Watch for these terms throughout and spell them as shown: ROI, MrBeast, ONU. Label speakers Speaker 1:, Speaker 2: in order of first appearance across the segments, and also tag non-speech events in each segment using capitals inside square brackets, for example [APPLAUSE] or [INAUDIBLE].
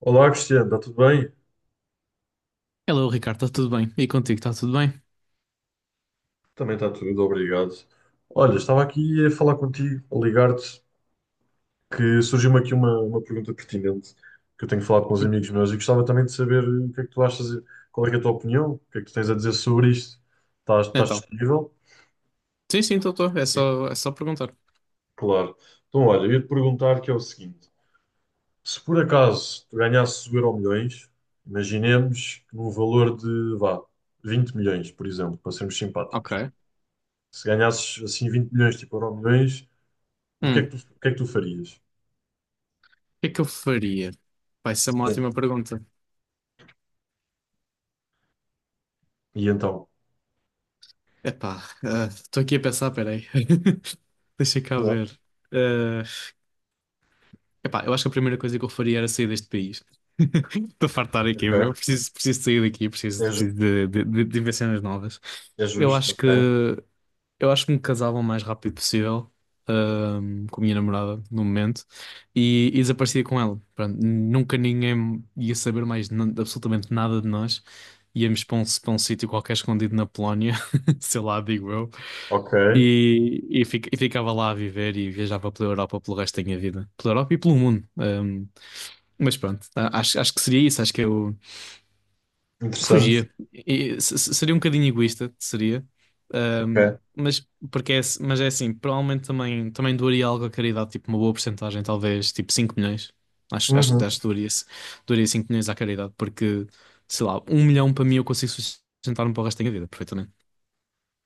Speaker 1: Olá, Cristiano, está tudo bem?
Speaker 2: Hello, Ricardo, está tudo bem? E contigo, está tudo bem?
Speaker 1: Também está tudo, obrigado. Olha, estava aqui a falar contigo, a ligar-te, que surgiu-me aqui uma pergunta pertinente que eu tenho falado com uns
Speaker 2: Sim.
Speaker 1: amigos meus e gostava também de saber o que é que tu achas, qual é que é a tua opinião, o que é que tu tens a dizer sobre isto? Estás
Speaker 2: Então,
Speaker 1: disponível?
Speaker 2: sim, sim, estou, estou. É
Speaker 1: Sim.
Speaker 2: só, é só perguntar.
Speaker 1: Claro. Então, olha, eu ia te perguntar que é o seguinte: se por acaso tu ganhasses o Euromilhões, imaginemos num valor de, vá, 20 milhões, por exemplo, para sermos simpáticos.
Speaker 2: Ok.
Speaker 1: Se ganhasses assim 20 milhões, tipo Euromilhões. O que é que tu,
Speaker 2: O
Speaker 1: o que é que tu farias?
Speaker 2: que é que eu faria? Vai ser uma
Speaker 1: Sim,
Speaker 2: ótima pergunta.
Speaker 1: e então?
Speaker 2: Epá, estou aqui a pensar, peraí. [LAUGHS] Deixa cá
Speaker 1: Claro.
Speaker 2: ver. Ah, Epá, eu acho que a primeira coisa que eu faria era sair deste país. [LAUGHS] Estou a fartar aqui, meu.
Speaker 1: Ok.
Speaker 2: Preciso sair daqui, preciso,
Speaker 1: É,
Speaker 2: preciso de, de ver cenas novas.
Speaker 1: é
Speaker 2: Eu
Speaker 1: justo,
Speaker 2: acho que
Speaker 1: ok.
Speaker 2: eu acho que me casava o mais rápido possível, com a minha namorada no momento e desaparecia com ela. Pronto, nunca ninguém ia saber mais absolutamente nada de nós. Íamos para um sítio qualquer escondido na Polónia, [LAUGHS] sei lá, digo eu,
Speaker 1: Ok.
Speaker 2: e ficava lá a viver e viajava pela Europa pelo resto da minha vida. Pela Europa e pelo mundo. Mas pronto, acho que seria isso. Acho que eu
Speaker 1: Interessante.
Speaker 2: fugia. Seria um bocadinho egoísta, seria. Ahm,
Speaker 1: Ok.
Speaker 2: mas mas é assim, provavelmente também doaria algo à caridade, tipo uma boa porcentagem, talvez tipo 5 milhões. Acho, acho,
Speaker 1: Uhum.
Speaker 2: acho que doaria, doaria 5 milhões à caridade, porque sei lá, 1 milhão para mim eu consigo sustentar-me para o resto da minha vida, perfeitamente.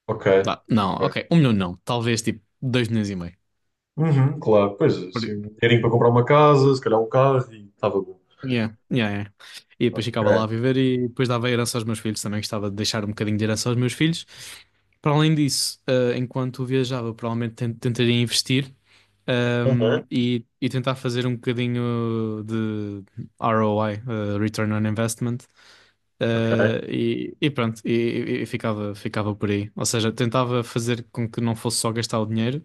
Speaker 1: Ok.
Speaker 2: Dá. Não,
Speaker 1: Ok.
Speaker 2: ok, um milhão não, talvez tipo 2 milhões e meio.
Speaker 1: Uhum, claro. Pois, assim, dinheirinho para comprar uma casa, se calhar um carro e estava bom.
Speaker 2: Yeah, yeah, yeah. E depois ficava lá a
Speaker 1: Ok.
Speaker 2: viver e depois dava herança aos meus filhos. Também gostava de deixar um bocadinho de herança aos meus filhos. Para além disso, enquanto viajava, provavelmente tentaria investir,
Speaker 1: Uhum.
Speaker 2: e tentar fazer um bocadinho de ROI, Return on Investment,
Speaker 1: Ok.
Speaker 2: eh, e, e pronto, e, e ficava, ficava por aí. Ou seja, tentava fazer com que não fosse só gastar o dinheiro,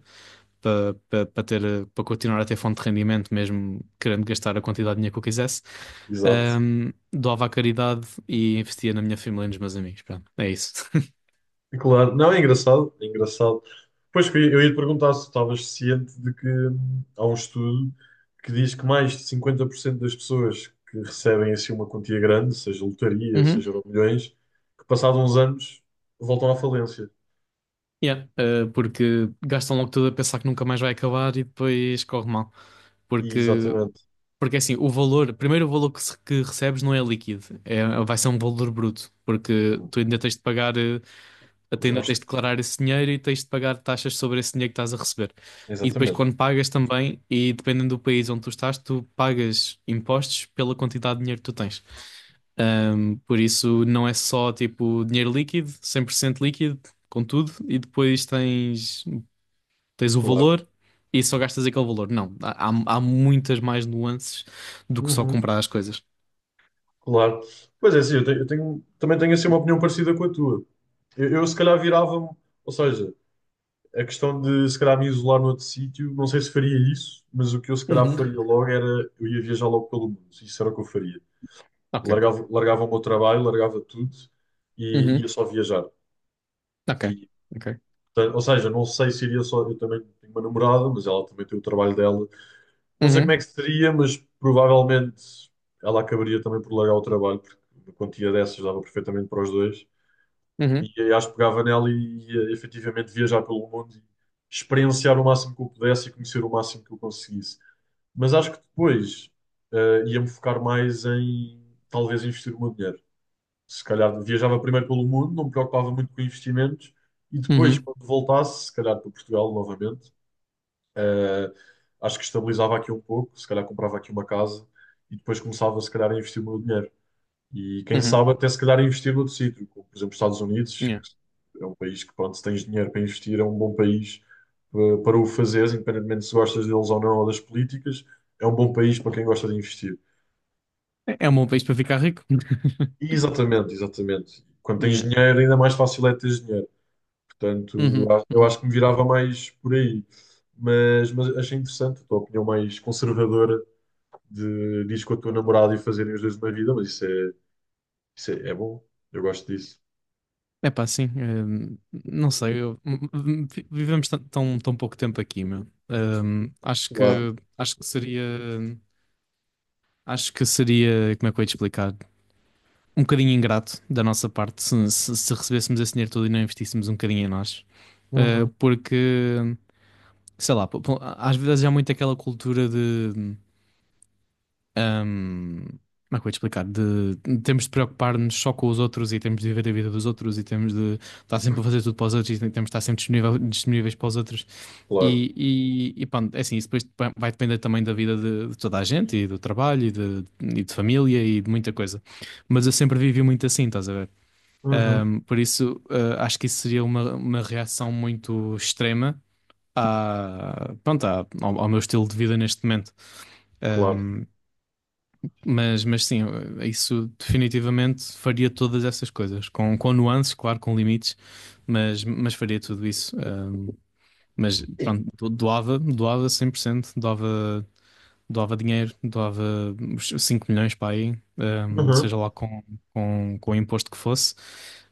Speaker 2: para ter, para continuar a ter fonte de rendimento, mesmo querendo gastar a quantidade de dinheiro que eu quisesse.
Speaker 1: Exato.
Speaker 2: Doava à caridade e investia na minha família e nos meus amigos. Pronto, é isso. [LAUGHS]
Speaker 1: Claro, não, é engraçado, é engraçado. Pois que eu ia te perguntar se estavas ciente de que há um estudo que diz que mais de 50% das pessoas que recebem assim uma quantia grande, seja lotaria,
Speaker 2: Uhum.
Speaker 1: seja milhões, que passados uns anos voltam à falência.
Speaker 2: Yeah, porque gastam logo tudo a pensar que nunca mais vai acabar e depois corre mal.
Speaker 1: E
Speaker 2: Porque,
Speaker 1: exatamente.
Speaker 2: porque assim, o valor, primeiro o valor que recebes não é líquido, vai ser um valor bruto, porque tu ainda tens de pagar. Até
Speaker 1: Os-
Speaker 2: ainda
Speaker 1: aos-
Speaker 2: tens de declarar esse dinheiro e tens de pagar taxas sobre esse dinheiro que estás a receber. E depois,
Speaker 1: Exatamente,
Speaker 2: quando pagas também, e dependendo do país onde tu estás, tu pagas impostos pela quantidade de dinheiro que tu tens. Por isso, não é só tipo dinheiro líquido, 100% líquido, com tudo, e depois tens, tens, o
Speaker 1: claro.
Speaker 2: valor e só gastas aquele valor. Não, há muitas mais nuances do que só
Speaker 1: Uhum.
Speaker 2: comprar as coisas.
Speaker 1: Claro. Pois é, sim, também tenho assim uma opinião parecida com a tua. Eu se calhar virava-me, ou seja, a questão de se calhar me isolar noutro sítio, não sei se faria isso, mas o que eu se calhar
Speaker 2: Uhum.
Speaker 1: faria logo era eu ia viajar logo pelo mundo. Isso era o que eu faria.
Speaker 2: Ok.
Speaker 1: Largava o meu trabalho, largava tudo e ia
Speaker 2: Uhum.
Speaker 1: só viajar.
Speaker 2: Ok.
Speaker 1: E,
Speaker 2: Ok.
Speaker 1: portanto, ou seja, não sei se iria só. Eu também tenho uma namorada, mas ela também tem o trabalho dela. Não sei como é
Speaker 2: Uhum.
Speaker 1: que seria, mas provavelmente ela acabaria também por largar o trabalho, porque uma quantia dessas dava perfeitamente para os dois.
Speaker 2: Uhum.
Speaker 1: E eu acho que pegava nela e ia efetivamente viajar pelo mundo e experienciar o máximo que eu pudesse e conhecer o máximo que eu conseguisse. Mas acho que depois ia-me focar mais em talvez investir o meu dinheiro. Se calhar viajava primeiro pelo mundo, não me preocupava muito com investimentos e depois,
Speaker 2: Uhum.
Speaker 1: quando voltasse, se calhar para Portugal novamente, eh, acho que estabilizava aqui um pouco, se calhar comprava aqui uma casa e depois começava, se calhar, a investir o meu dinheiro. E quem
Speaker 2: Uhum.
Speaker 1: sabe até se calhar investir noutro sítio, como por exemplo os Estados Unidos,
Speaker 2: Yeah.
Speaker 1: que é um país que, pronto, se tens dinheiro para investir, é um bom país para o fazeres, independentemente se gostas deles ou não, ou das políticas, é um bom país para quem gosta de investir.
Speaker 2: É um bom país para ficar rico.
Speaker 1: E
Speaker 2: [LAUGHS]
Speaker 1: exatamente, exatamente. Quando tens
Speaker 2: Yeah.
Speaker 1: dinheiro, ainda mais fácil é ter dinheiro. Portanto,
Speaker 2: Uhum,
Speaker 1: eu
Speaker 2: uhum.
Speaker 1: acho que me virava mais por aí. Mas achei interessante a tua opinião mais conservadora de diz com a tua namorada e fazerem os dois uma vida, mas isso é, é bom. Eu gosto disso.
Speaker 2: É pá, sim. Não sei, vivemos tão pouco tempo aqui, meu.
Speaker 1: Claro.
Speaker 2: Acho que seria, acho que seria, como é que eu ia te explicar? Um bocadinho ingrato da nossa parte se recebêssemos esse dinheiro todo e não investíssemos um bocadinho em nós.
Speaker 1: Uhum.
Speaker 2: Porque sei lá, às vezes há muito aquela cultura de. Ahm, Como é que eu ia te explicar? Temos de preocupar-nos só com os outros e temos de viver a vida dos outros e temos de estar sempre a fazer tudo para os outros e temos de estar sempre disponível, disponíveis para os outros.
Speaker 1: Claro.
Speaker 2: E, e pronto, é assim, isso depois vai depender também da vida de, toda a gente e do trabalho e de família e de muita coisa. Mas eu sempre vivi muito assim, estás a ver?
Speaker 1: Uhum,
Speaker 2: Por isso, acho que isso seria uma reação muito extrema à, pronto, ao meu estilo de vida neste momento.
Speaker 1: claro.
Speaker 2: Mas sim, isso definitivamente faria todas essas coisas, com nuances, claro, com limites, mas faria tudo isso. Mas pronto, doava 100%, doava, doava dinheiro, doava uns 5 milhões para aí,
Speaker 1: Uhum.
Speaker 2: seja lá com o imposto que fosse.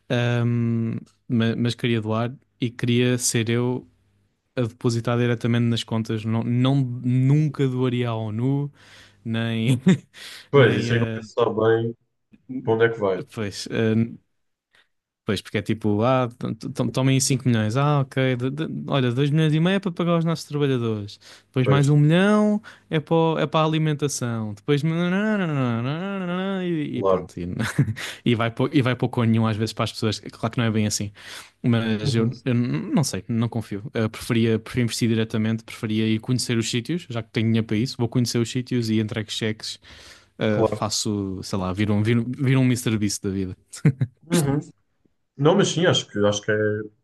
Speaker 2: Ahm, mas queria doar e queria ser eu a depositar diretamente nas contas. Não, não, nunca doaria à ONU, nem. [LAUGHS]
Speaker 1: Pois,
Speaker 2: Nem,
Speaker 1: isso aí
Speaker 2: a.
Speaker 1: nunca se sabe bem para onde é que vai.
Speaker 2: Pois, porque é tipo, tomem 5 milhões, ok, olha, 2,5 milhões é para pagar os nossos trabalhadores, depois
Speaker 1: Pois,
Speaker 2: mais 1 milhão é para, é para a alimentação, depois e, e
Speaker 1: claro.
Speaker 2: pronto, e, [LAUGHS] e vai para nenhum às vezes para as pessoas, claro que não é bem assim, mas
Speaker 1: Uhum.
Speaker 2: não sei, não confio. Preferia investir diretamente, preferia ir conhecer os sítios, já que tenho dinheiro para isso, vou conhecer os sítios e entrego cheques,
Speaker 1: Claro.
Speaker 2: faço, sei lá, viro um MrBeast da vida.
Speaker 1: Uhum. Não, mas sim,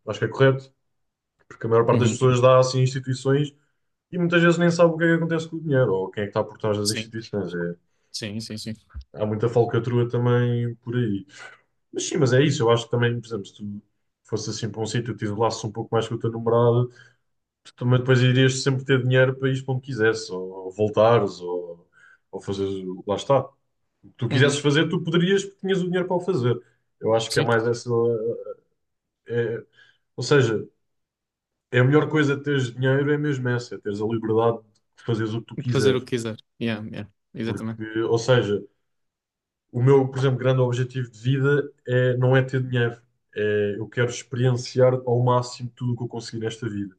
Speaker 1: acho que é correto, porque a maior parte das
Speaker 2: Uhum.
Speaker 1: pessoas dá assim instituições e muitas vezes nem sabe o que é que acontece com o dinheiro ou quem é que está por trás das
Speaker 2: Sim,
Speaker 1: instituições. É,
Speaker 2: sim, sim, sim.
Speaker 1: há muita falcatrua também por aí. Mas sim, mas é isso, eu acho que também, por exemplo, se tu fosse assim para um sítio, e te isolasses um pouco mais com o teu namorado, tu também depois irias sempre ter dinheiro para ir para onde quisesse, ou voltares, ou fazeres, lá está. Tu quisesses
Speaker 2: Uhum.
Speaker 1: fazer, tu poderias, porque tinhas o dinheiro para o fazer. Eu acho que é
Speaker 2: Sim,
Speaker 1: mais essa. é- ou seja, é a melhor coisa de teres dinheiro, é mesmo essa, é teres a liberdade de fazeres o que tu
Speaker 2: fazer o
Speaker 1: quiseres.
Speaker 2: que quiser. Yeah, yeah, exatamente.
Speaker 1: Porque, ou seja, o meu, por exemplo, grande objetivo de vida é, não é ter dinheiro. É, eu quero experienciar ao máximo tudo o que eu conseguir nesta vida.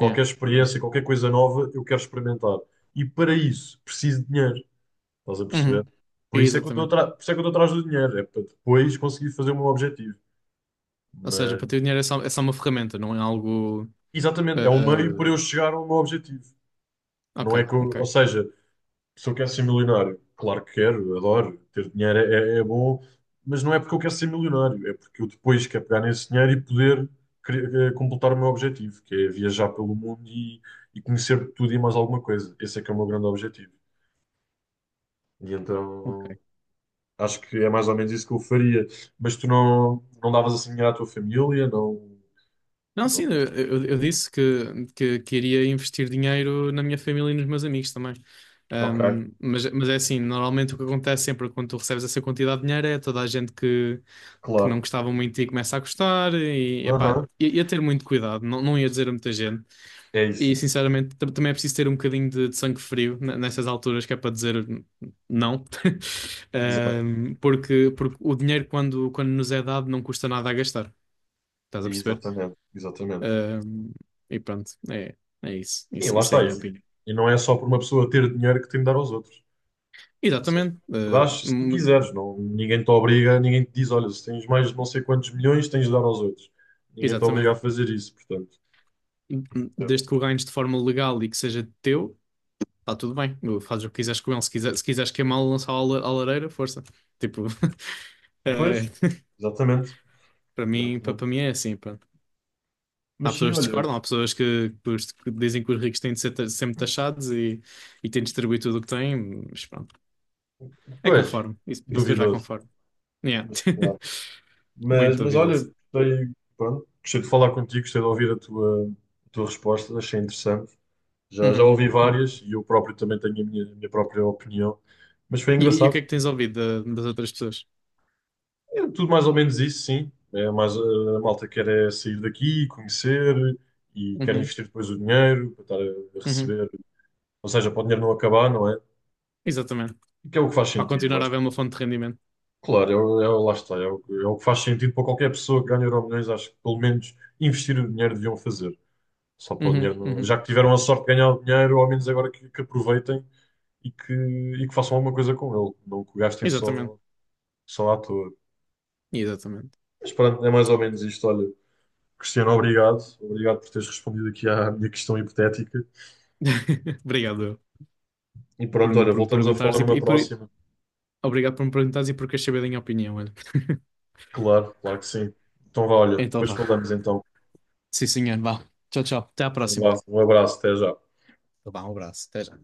Speaker 2: Yeah, yeah.
Speaker 1: experiência, qualquer coisa nova, eu quero experimentar. E para isso, preciso de dinheiro. Estás a perceber?
Speaker 2: Uhum. Exatamente.
Speaker 1: Por isso é que eu estou atrás do dinheiro. É para depois conseguir fazer o meu objetivo.
Speaker 2: Ou seja,
Speaker 1: Mas
Speaker 2: para ter, o dinheiro é só uma ferramenta, não é algo.
Speaker 1: exatamente,
Speaker 2: eh,
Speaker 1: é um meio para eu chegar ao meu objetivo.
Speaker 2: ok,
Speaker 1: Não é que eu-
Speaker 2: ok,
Speaker 1: Ou seja, se eu quero ser milionário, claro que quero, adoro, ter dinheiro é bom, mas não é porque eu quero ser milionário, é porque eu depois quero pegar nesse dinheiro e poder completar o meu objetivo, que é viajar pelo mundo e conhecer tudo e mais alguma coisa. Esse é que é o meu grande objetivo. E então
Speaker 2: ok.
Speaker 1: acho que é mais ou menos isso que eu faria. Mas tu não, não davas assim dinheiro à tua família? Não,
Speaker 2: Não, sim,
Speaker 1: não-
Speaker 2: eu disse que queria investir dinheiro na minha família e nos meus amigos também.
Speaker 1: ok,
Speaker 2: Mas é assim, normalmente o que acontece sempre quando tu recebes essa quantidade de dinheiro é toda a gente que não
Speaker 1: claro.
Speaker 2: gostava muito e começa a gostar e, epá,
Speaker 1: Aham,
Speaker 2: ia ter muito cuidado, não, não ia dizer a muita gente.
Speaker 1: é
Speaker 2: E
Speaker 1: isso.
Speaker 2: sinceramente também é preciso ter um bocadinho de sangue frio nessas alturas, que é para dizer Não." [LAUGHS]
Speaker 1: Exato.
Speaker 2: Porque, porque O dinheiro quando nos é dado não custa nada a gastar. Estás a perceber?
Speaker 1: Exatamente, exatamente.
Speaker 2: Ahm, e pronto, é isso.
Speaker 1: Sim,
Speaker 2: Isso.
Speaker 1: lá
Speaker 2: Isso é a
Speaker 1: está.
Speaker 2: minha opinião.
Speaker 1: E não é só por uma pessoa ter dinheiro que tem de dar aos outros. Ou seja,
Speaker 2: Exatamente.
Speaker 1: tu dás se tu quiseres, não, ninguém te obriga, ninguém te diz, olha, se tens mais de não sei quantos milhões, tens de dar aos outros. Ninguém te
Speaker 2: Exatamente.
Speaker 1: obriga a fazer isso, portanto. Eu-
Speaker 2: Desde que o ganhes de forma legal e que seja teu, está tudo bem. Fazes o que quiseres com ele. Se quiser, se quiseres queimá-lo, lançá-lo à à lareira, força. Tipo, [LAUGHS]
Speaker 1: Pois,
Speaker 2: eh,
Speaker 1: exatamente,
Speaker 2: para mim,
Speaker 1: exatamente.
Speaker 2: para mim é assim. Há
Speaker 1: Mas sim,
Speaker 2: pessoas que
Speaker 1: olha,
Speaker 2: discordam, há pessoas que dizem que os ricos têm de ser sempre taxados e têm de distribuir tudo o que têm, mas pronto. É
Speaker 1: pois,
Speaker 2: conforme. Isso depois vai
Speaker 1: duvidoso.
Speaker 2: conforme. Yeah.
Speaker 1: Mas, claro.
Speaker 2: [LAUGHS] Muito
Speaker 1: Mas
Speaker 2: duvidoso.
Speaker 1: olha, gostei, pronto, gostei de falar contigo, gostei de ouvir a tua resposta, achei interessante. Já, já
Speaker 2: Uhum,
Speaker 1: ouvi
Speaker 2: uhum.
Speaker 1: várias e eu próprio também tenho a minha própria opinião, mas foi
Speaker 2: E o que é
Speaker 1: engraçado.
Speaker 2: que tens ouvido das outras pessoas?
Speaker 1: É tudo mais ou menos isso, sim. É mais, a malta quer é sair daqui, conhecer e quer
Speaker 2: Uhum,
Speaker 1: investir depois o dinheiro para estar a
Speaker 2: uhum.
Speaker 1: receber, ou seja, para o dinheiro não acabar, não é?
Speaker 2: Exatamente.
Speaker 1: E que é o que faz
Speaker 2: Para
Speaker 1: sentido, eu
Speaker 2: continuar a
Speaker 1: acho.
Speaker 2: haver uma fonte de rendimento.
Speaker 1: Claro, lá está, é o que faz sentido para qualquer pessoa que ganha Euromilhões, acho que pelo menos investir o dinheiro deviam fazer. Só para o dinheiro.
Speaker 2: Uhum,
Speaker 1: Não-
Speaker 2: uhum.
Speaker 1: Já que tiveram a sorte de ganhar o dinheiro, ao menos agora que aproveitem e que façam alguma coisa com ele. Não que o gastem
Speaker 2: Exatamente.
Speaker 1: só, só à toa.
Speaker 2: Exatamente.
Speaker 1: Mas pronto, é mais ou menos isto. Olha, Cristiano, obrigado. Obrigado por teres respondido aqui à minha questão hipotética.
Speaker 2: [LAUGHS] Obrigado eu,
Speaker 1: E pronto, olha,
Speaker 2: por me
Speaker 1: voltamos a falar
Speaker 2: perguntares
Speaker 1: numa próxima.
Speaker 2: obrigado por me perguntares e por queres saber da minha opinião. Olha. [LAUGHS]
Speaker 1: Claro, claro que sim. Então vá, olha,
Speaker 2: Então
Speaker 1: depois
Speaker 2: vá.
Speaker 1: falamos então.
Speaker 2: Sim, senhor, vá. Tchau, tchau. Até à próxima.
Speaker 1: Um abraço, até já.
Speaker 2: Então vá, um abraço. Até já.